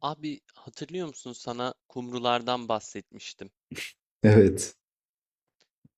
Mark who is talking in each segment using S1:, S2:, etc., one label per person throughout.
S1: Abi, hatırlıyor musun, sana kumrulardan bahsetmiştim?
S2: Evet.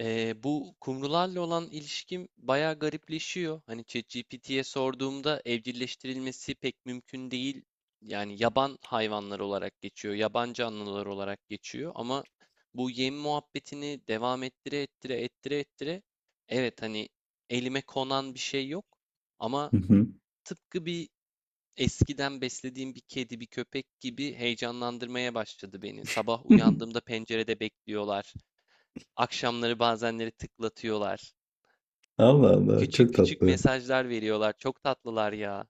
S1: Bu kumrularla olan ilişkim bayağı garipleşiyor. Hani ChatGPT'ye sorduğumda evcilleştirilmesi pek mümkün değil. Yani yaban hayvanlar olarak geçiyor, yaban canlılar olarak geçiyor. Ama bu yem muhabbetini devam ettire ettire ettire ettire. Evet, hani elime konan bir şey yok. Ama
S2: Hı hı.
S1: tıpkı bir Eskiden beslediğim bir kedi, bir köpek gibi heyecanlandırmaya başladı beni. Sabah uyandığımda pencerede bekliyorlar. Akşamları bazenleri tıklatıyorlar.
S2: Allah Allah,
S1: Küçük
S2: çok
S1: küçük
S2: tatlı.
S1: mesajlar veriyorlar. Çok tatlılar ya.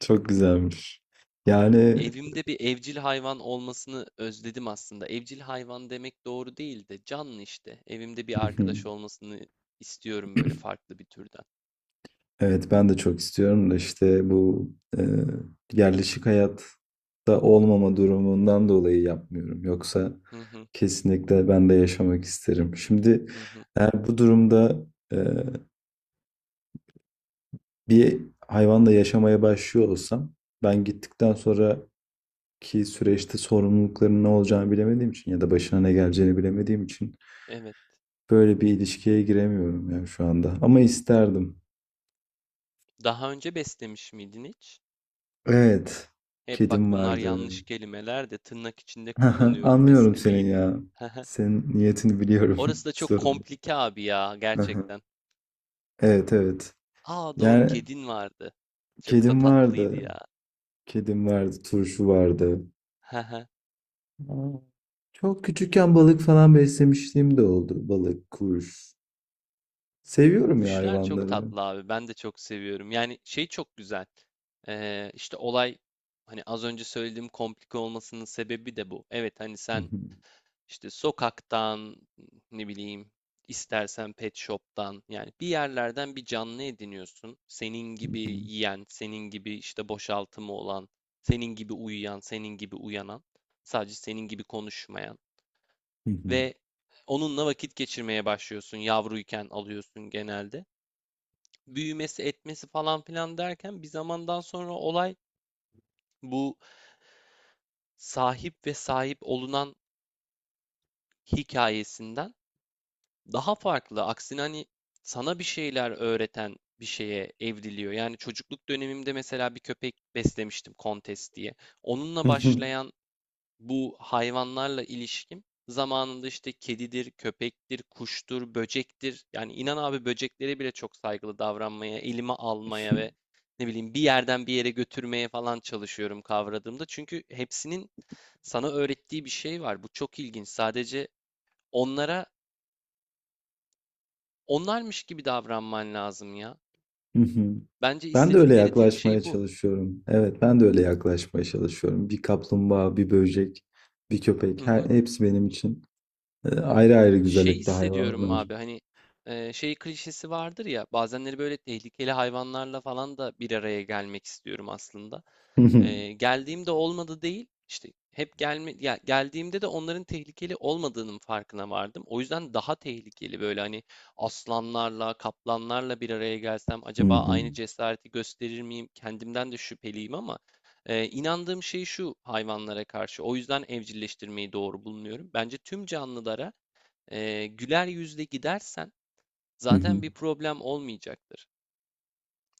S2: Çok güzelmiş. Yani
S1: Evimde bir evcil hayvan olmasını özledim aslında. Evcil hayvan demek doğru değil de canlı işte. Evimde bir
S2: hı hı.
S1: arkadaş olmasını istiyorum, böyle farklı bir türden.
S2: Evet ben de çok istiyorum da işte bu e, yerleşik hayatta olmama durumundan dolayı yapmıyorum. Yoksa
S1: Hı hı,
S2: kesinlikle ben de yaşamak isterim. Şimdi
S1: hı hı.
S2: eğer bu durumda e, bir hayvanla yaşamaya başlıyor olsam ben gittikten sonraki süreçte sorumlulukların ne olacağını bilemediğim için ya da başına ne geleceğini bilemediğim için
S1: Evet.
S2: böyle bir ilişkiye giremiyorum ya şu anda. Ama isterdim.
S1: Daha önce beslemiş miydin hiç?
S2: Evet.
S1: Hep bak,
S2: Kedim
S1: bunlar
S2: vardı.
S1: yanlış kelimeler de, tırnak içinde kullanıyorum
S2: Anlıyorum senin
S1: beslemeyi de.
S2: ya. Senin niyetini biliyorum.
S1: Orası da çok
S2: Sorun değil.
S1: komplike abi ya,
S2: Aha.
S1: gerçekten.
S2: Evet, evet.
S1: Aa, doğru,
S2: Yani
S1: kedin vardı. Çok da
S2: kedim
S1: tatlıydı
S2: vardı.
S1: ya.
S2: Kedim vardı. Turşu vardı. Aa, çok küçükken balık falan beslemişliğim de oldu. Balık, kuş. Seviyorum ya
S1: Kuşlar çok
S2: hayvanları.
S1: tatlı abi. Ben de çok seviyorum. Yani şey çok güzel. İşte olay, hani az önce söylediğim komplike olmasının sebebi de bu. Evet, hani sen İşte sokaktan, ne bileyim, istersen pet shop'tan, yani bir yerlerden bir canlı ediniyorsun. Senin gibi yiyen, senin gibi işte boşaltımı olan, senin gibi uyuyan, senin gibi uyanan, sadece senin gibi konuşmayan ve onunla vakit geçirmeye başlıyorsun. Yavruyken alıyorsun genelde. Büyümesi, etmesi falan filan derken bir zamandan sonra olay bu sahip ve sahip olunan hikayesinden daha farklı. Aksine hani sana bir şeyler öğreten bir şeye evriliyor. Yani çocukluk dönemimde mesela bir köpek beslemiştim, Kontes diye. Onunla başlayan bu hayvanlarla ilişkim zamanında işte kedidir, köpektir, kuştur, böcektir. Yani inan abi, böceklere bile çok saygılı davranmaya, elime almaya ve ne bileyim bir yerden bir yere götürmeye falan çalışıyorum kavradığımda. Çünkü hepsinin sana öğrettiği bir şey var. Bu çok ilginç. Sadece onlara onlarmış gibi davranman lazım ya. Bence
S2: Ben de öyle
S1: istedikleri tek
S2: yaklaşmaya
S1: şey bu.
S2: çalışıyorum. Evet, ben de öyle yaklaşmaya çalışıyorum. Bir kaplumbağa, bir böcek, bir köpek, hepsi benim için ayrı ayrı
S1: Şey
S2: güzellikte
S1: hissediyorum
S2: hayvanlar.
S1: abi, hani şey klişesi vardır ya, bazenleri böyle tehlikeli hayvanlarla falan da bir araya gelmek istiyorum aslında.
S2: Hı hı,
S1: Geldiğimde olmadı değil, işte hep gelme ya, geldiğimde de onların tehlikeli olmadığının farkına vardım. O yüzden daha tehlikeli, böyle hani aslanlarla, kaplanlarla bir araya gelsem
S2: hı
S1: acaba
S2: hı,
S1: aynı cesareti gösterir miyim? Kendimden de şüpheliyim ama inandığım şey şu hayvanlara karşı. O yüzden evcilleştirmeyi doğru bulunuyorum. Bence tüm canlılara güler yüzle gidersen
S2: hı hı.
S1: zaten bir problem olmayacaktır.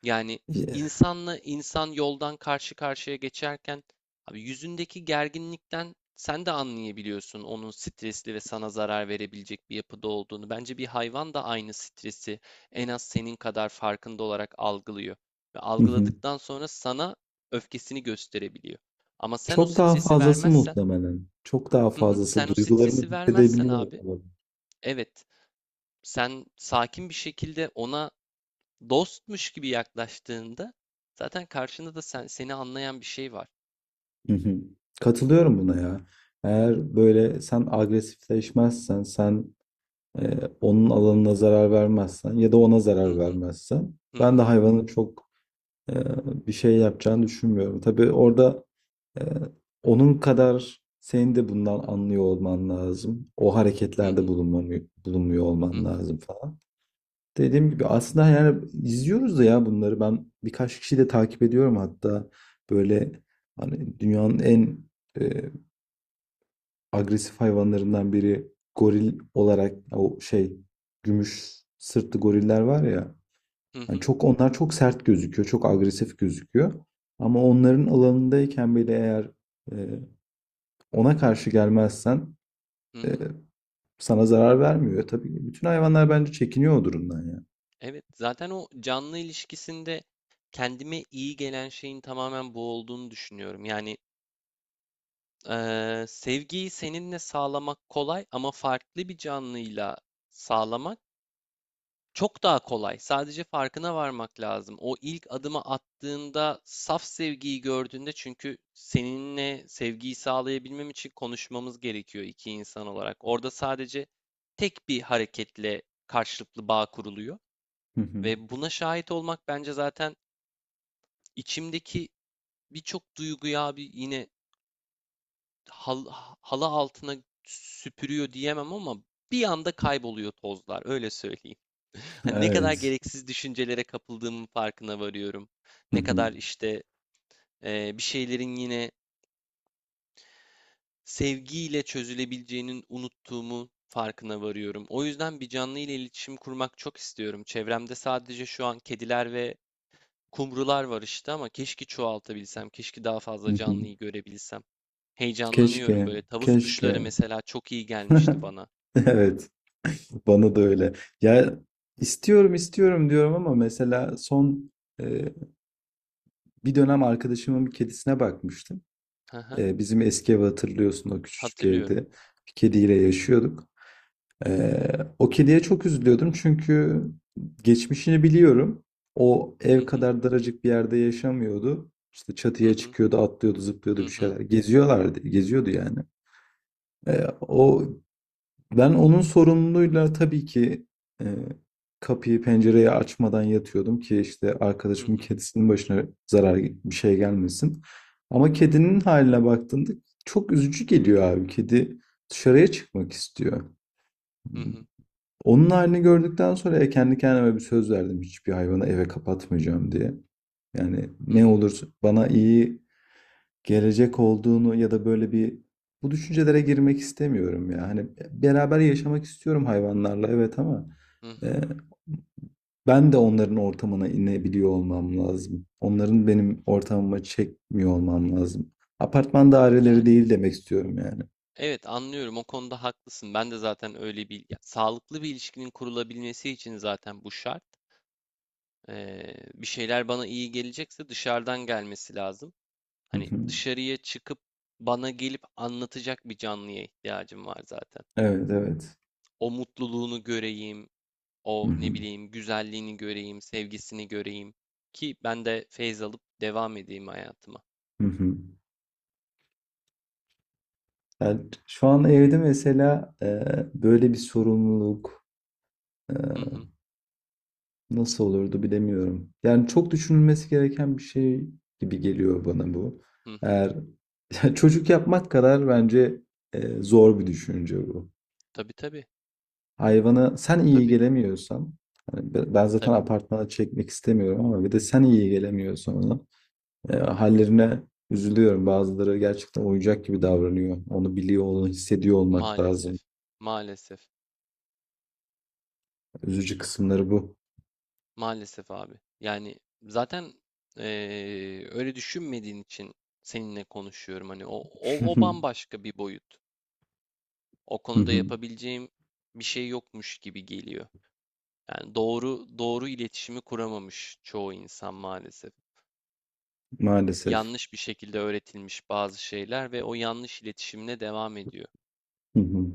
S1: Yani
S2: Yeah.
S1: insanla insan yoldan karşı karşıya geçerken abi, yüzündeki gerginlikten sen de anlayabiliyorsun onun stresli ve sana zarar verebilecek bir yapıda olduğunu. Bence bir hayvan da aynı stresi en az senin kadar farkında olarak algılıyor ve
S2: Hı hı.
S1: algıladıktan sonra sana öfkesini gösterebiliyor. Ama sen o
S2: Çok daha
S1: stresi
S2: fazlası
S1: vermezsen,
S2: muhtemelen. Çok daha
S1: hı hı,
S2: fazlası
S1: sen o
S2: duygularımı
S1: stresi vermezsen
S2: hissedebiliyorum.
S1: abi, evet, sen sakin bir şekilde ona dostmuş gibi yaklaştığında zaten karşında da sen seni anlayan bir şey var.
S2: Hı hı. Katılıyorum buna ya. Eğer böyle sen agresifleşmezsen, sen onun alanına zarar vermezsen ya da ona
S1: Hı
S2: zarar
S1: hı,
S2: vermezsen,
S1: hı
S2: ben de
S1: hı,
S2: hayvanı çok e, bir şey yapacağını düşünmüyorum. Tabii orada e, onun kadar senin de bundan anlıyor olman lazım. O
S1: hı
S2: hareketlerde
S1: hı,
S2: bulunmuyor
S1: hı
S2: olman
S1: hı,
S2: lazım falan. Dediğim gibi aslında yani izliyoruz da ya bunları. Ben birkaç kişiyi de takip ediyorum hatta, böyle hani dünyanın en e, agresif hayvanlarından biri goril olarak, o şey, gümüş sırtlı goriller var ya.
S1: hı
S2: Hani
S1: hı,
S2: çok, onlar çok sert gözüküyor, çok agresif gözüküyor. Ama onların alanındayken bile eğer e, ona karşı gelmezsen
S1: hı
S2: e,
S1: hı.
S2: sana zarar vermiyor. Tabii bütün hayvanlar bence çekiniyor o durumdan ya.
S1: Evet, zaten o canlı ilişkisinde kendime iyi gelen şeyin tamamen bu olduğunu düşünüyorum. Yani sevgiyi seninle sağlamak kolay ama farklı bir canlıyla sağlamak çok daha kolay. Sadece farkına varmak lazım. O ilk adımı attığında, saf sevgiyi gördüğünde, çünkü seninle sevgiyi sağlayabilmem için konuşmamız gerekiyor iki insan olarak. Orada sadece tek bir hareketle karşılıklı bağ kuruluyor
S2: Hı hı.
S1: ve buna şahit olmak bence zaten içimdeki birçok duyguyu abi, yine hal- halı altına süpürüyor diyemem ama bir anda kayboluyor tozlar, öyle söyleyeyim. Hani ne kadar
S2: Evet.
S1: gereksiz düşüncelere kapıldığımın farkına varıyorum.
S2: Hı
S1: Ne
S2: hı.
S1: kadar işte bir şeylerin yine sevgiyle çözülebileceğinin unuttuğumu farkına varıyorum. O yüzden bir canlı ile iletişim kurmak çok istiyorum. Çevremde sadece şu an kediler ve kumrular var işte, ama keşke çoğaltabilsem, keşke daha
S2: Hı
S1: fazla
S2: hı.
S1: canlıyı görebilsem. Heyecanlanıyorum
S2: Keşke,
S1: böyle. Tavus kuşları
S2: keşke.
S1: mesela çok iyi gelmişti bana.
S2: Evet, bana da öyle. Ya istiyorum istiyorum diyorum ama mesela son e, bir dönem arkadaşımın bir kedisine bakmıştım.
S1: Hı hı,
S2: Bizim eski evi hatırlıyorsun, o küçücük evde.
S1: hatırlıyorum.
S2: Bir kediyle yaşıyorduk. E, O kediye çok üzülüyordum çünkü geçmişini biliyorum. O
S1: Hı
S2: ev
S1: hı,
S2: kadar daracık bir yerde yaşamıyordu. İşte
S1: hı
S2: çatıya
S1: hı,
S2: çıkıyordu, atlıyordu, zıplıyordu
S1: hı
S2: bir
S1: hı,
S2: şeyler. Geziyorlardı, geziyordu yani. E, O, ben onun sorumluluğuyla tabii ki e, kapıyı pencereyi açmadan yatıyordum ki işte
S1: hı
S2: arkadaşımın
S1: hı,
S2: kedisinin başına zarar, bir şey gelmesin. Ama kedinin haline baktığında çok üzücü geliyor abi. Kedi dışarıya çıkmak istiyor.
S1: hı
S2: Hmm,
S1: hı,
S2: Onun halini gördükten sonra ya kendi kendime bir söz verdim, hiçbir hayvanı eve kapatmayacağım diye. Yani
S1: hı
S2: ne
S1: hı,
S2: olur bana iyi gelecek olduğunu ya da böyle bir, bu düşüncelere girmek istemiyorum ya. Hani beraber yaşamak istiyorum hayvanlarla evet, ama
S1: hı hı.
S2: e, ben de onların ortamına inebiliyor olmam lazım. Onların benim ortamıma çekmiyor olmam lazım. Apartman daireleri
S1: Yani.
S2: değil demek istiyorum yani.
S1: Evet, anlıyorum, o konuda haklısın. Ben de zaten öyle, bir ya, sağlıklı bir ilişkinin kurulabilmesi için zaten bu şart. Bir şeyler bana iyi gelecekse dışarıdan gelmesi lazım.
S2: Hı
S1: Hani
S2: hı.
S1: dışarıya çıkıp bana gelip anlatacak bir canlıya ihtiyacım var zaten.
S2: Evet, evet.
S1: O mutluluğunu göreyim,
S2: Hı
S1: o ne
S2: hı.
S1: bileyim güzelliğini göreyim, sevgisini göreyim ki ben de feyz alıp devam edeyim hayatıma.
S2: Hı hı. Yani şu an evde mesela böyle bir sorumluluk, e,
S1: Hı hı,
S2: nasıl olurdu bilemiyorum. Yani çok düşünülmesi gereken bir şey gibi geliyor bana bu.
S1: hı hı.
S2: Eğer ya çocuk yapmak kadar bence zor bir düşünce bu.
S1: Tabii, tabii,
S2: Hayvana sen iyi
S1: tabii,
S2: gelemiyorsan, hani ben zaten
S1: tabii.
S2: apartmana çekmek istemiyorum, ama bir de sen iyi gelemiyorsan ona, hallerine üzülüyorum. Bazıları gerçekten oyuncak gibi davranıyor. Onu biliyor, onu hissediyor olmak
S1: Maalesef,
S2: lazım.
S1: maalesef.
S2: Üzücü kısımları bu.
S1: Maalesef abi. Yani zaten öyle düşünmediğin için seninle konuşuyorum. Hani o bambaşka bir boyut. O
S2: Hı
S1: konuda
S2: hı.
S1: yapabileceğim bir şey yokmuş gibi geliyor. Yani doğru doğru iletişimi kuramamış çoğu insan maalesef.
S2: Maalesef.
S1: Yanlış bir şekilde öğretilmiş bazı şeyler ve o yanlış iletişimle devam ediyor.
S2: Hı hı.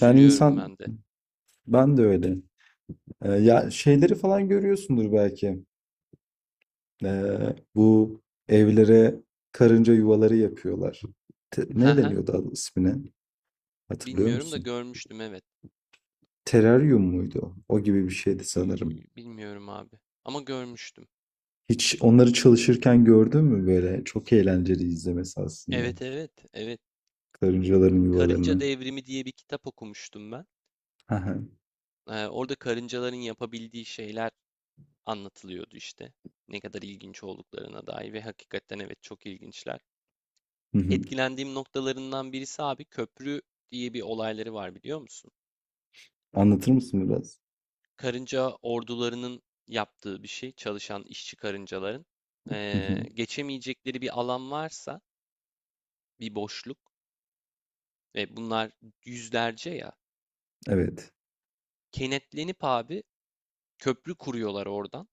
S2: Yani insan,
S1: ben de.
S2: ben de öyle. Ya şeyleri falan görüyorsundur belki. Bu evlere karınca yuvaları yapıyorlar. Ne
S1: Haha,
S2: deniyordu adı, ismine? Hatırlıyor
S1: bilmiyorum da
S2: musun?
S1: görmüştüm, evet.
S2: Teraryum muydu o? O gibi bir şeydi
S1: Ee,
S2: sanırım.
S1: Bilmiyorum abi. Ama görmüştüm.
S2: Hiç onları çalışırken gördün mü böyle? Çok eğlenceli izlemesi aslında.
S1: Evet, evet, evet.
S2: Karıncaların
S1: Karınca
S2: yuvalarını.
S1: Devrimi diye bir kitap okumuştum ben.
S2: Hı.
S1: Orada karıncaların yapabildiği şeyler anlatılıyordu işte. Ne kadar ilginç olduklarına dair, ve hakikaten evet, çok ilginçler.
S2: Hı hı.
S1: Etkilendiğim noktalarından birisi abi, köprü diye bir olayları var, biliyor musun?
S2: Anlatır mısın biraz?
S1: Karınca ordularının yaptığı bir şey, çalışan işçi karıncaların.
S2: Hı hı.
S1: Geçemeyecekleri bir alan varsa, bir boşluk, ve bunlar yüzlerce ya,
S2: Evet.
S1: kenetlenip abi köprü kuruyorlar oradan,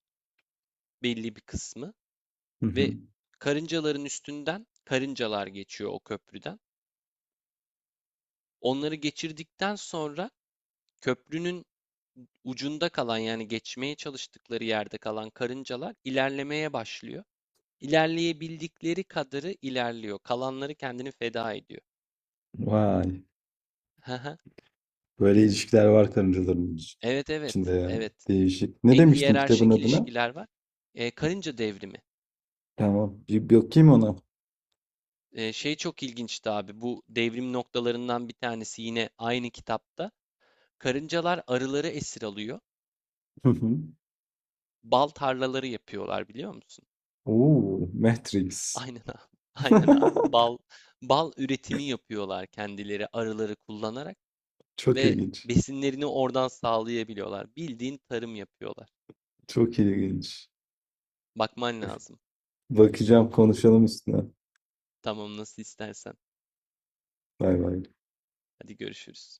S1: belli bir kısmı.
S2: Hı hı.
S1: Ve karıncaların üstünden karıncalar geçiyor o köprüden. Onları geçirdikten sonra köprünün ucunda kalan, yani geçmeye çalıştıkları yerde kalan karıncalar ilerlemeye başlıyor. İlerleyebildikleri kadarı ilerliyor. Kalanları kendini feda ediyor.
S2: Vay. Böyle ilişkiler var karıncaların
S1: Evet, evet,
S2: içinde ya.
S1: evet.
S2: Değişik. Ne
S1: Hem
S2: demiştin kitabın
S1: hiyerarşik
S2: adına?
S1: ilişkiler var. Karınca devrimi.
S2: Tamam. Bir bakayım ona.
S1: Şey çok ilginçti abi. Bu devrim noktalarından bir tanesi yine aynı kitapta. Karıncalar arıları esir alıyor.
S2: Hı hı.
S1: Bal tarlaları yapıyorlar, biliyor musun?
S2: Oo, Matrix.
S1: Aynen abi. Aynen abi. Bal üretimi yapıyorlar, kendileri arıları kullanarak,
S2: Çok
S1: ve
S2: ilginç.
S1: besinlerini oradan sağlayabiliyorlar. Bildiğin tarım yapıyorlar.
S2: Çok ilginç.
S1: Bakman lazım.
S2: Bakacağım, konuşalım üstüne.
S1: Tamam, nasıl istersen.
S2: Bay bay.
S1: Hadi görüşürüz.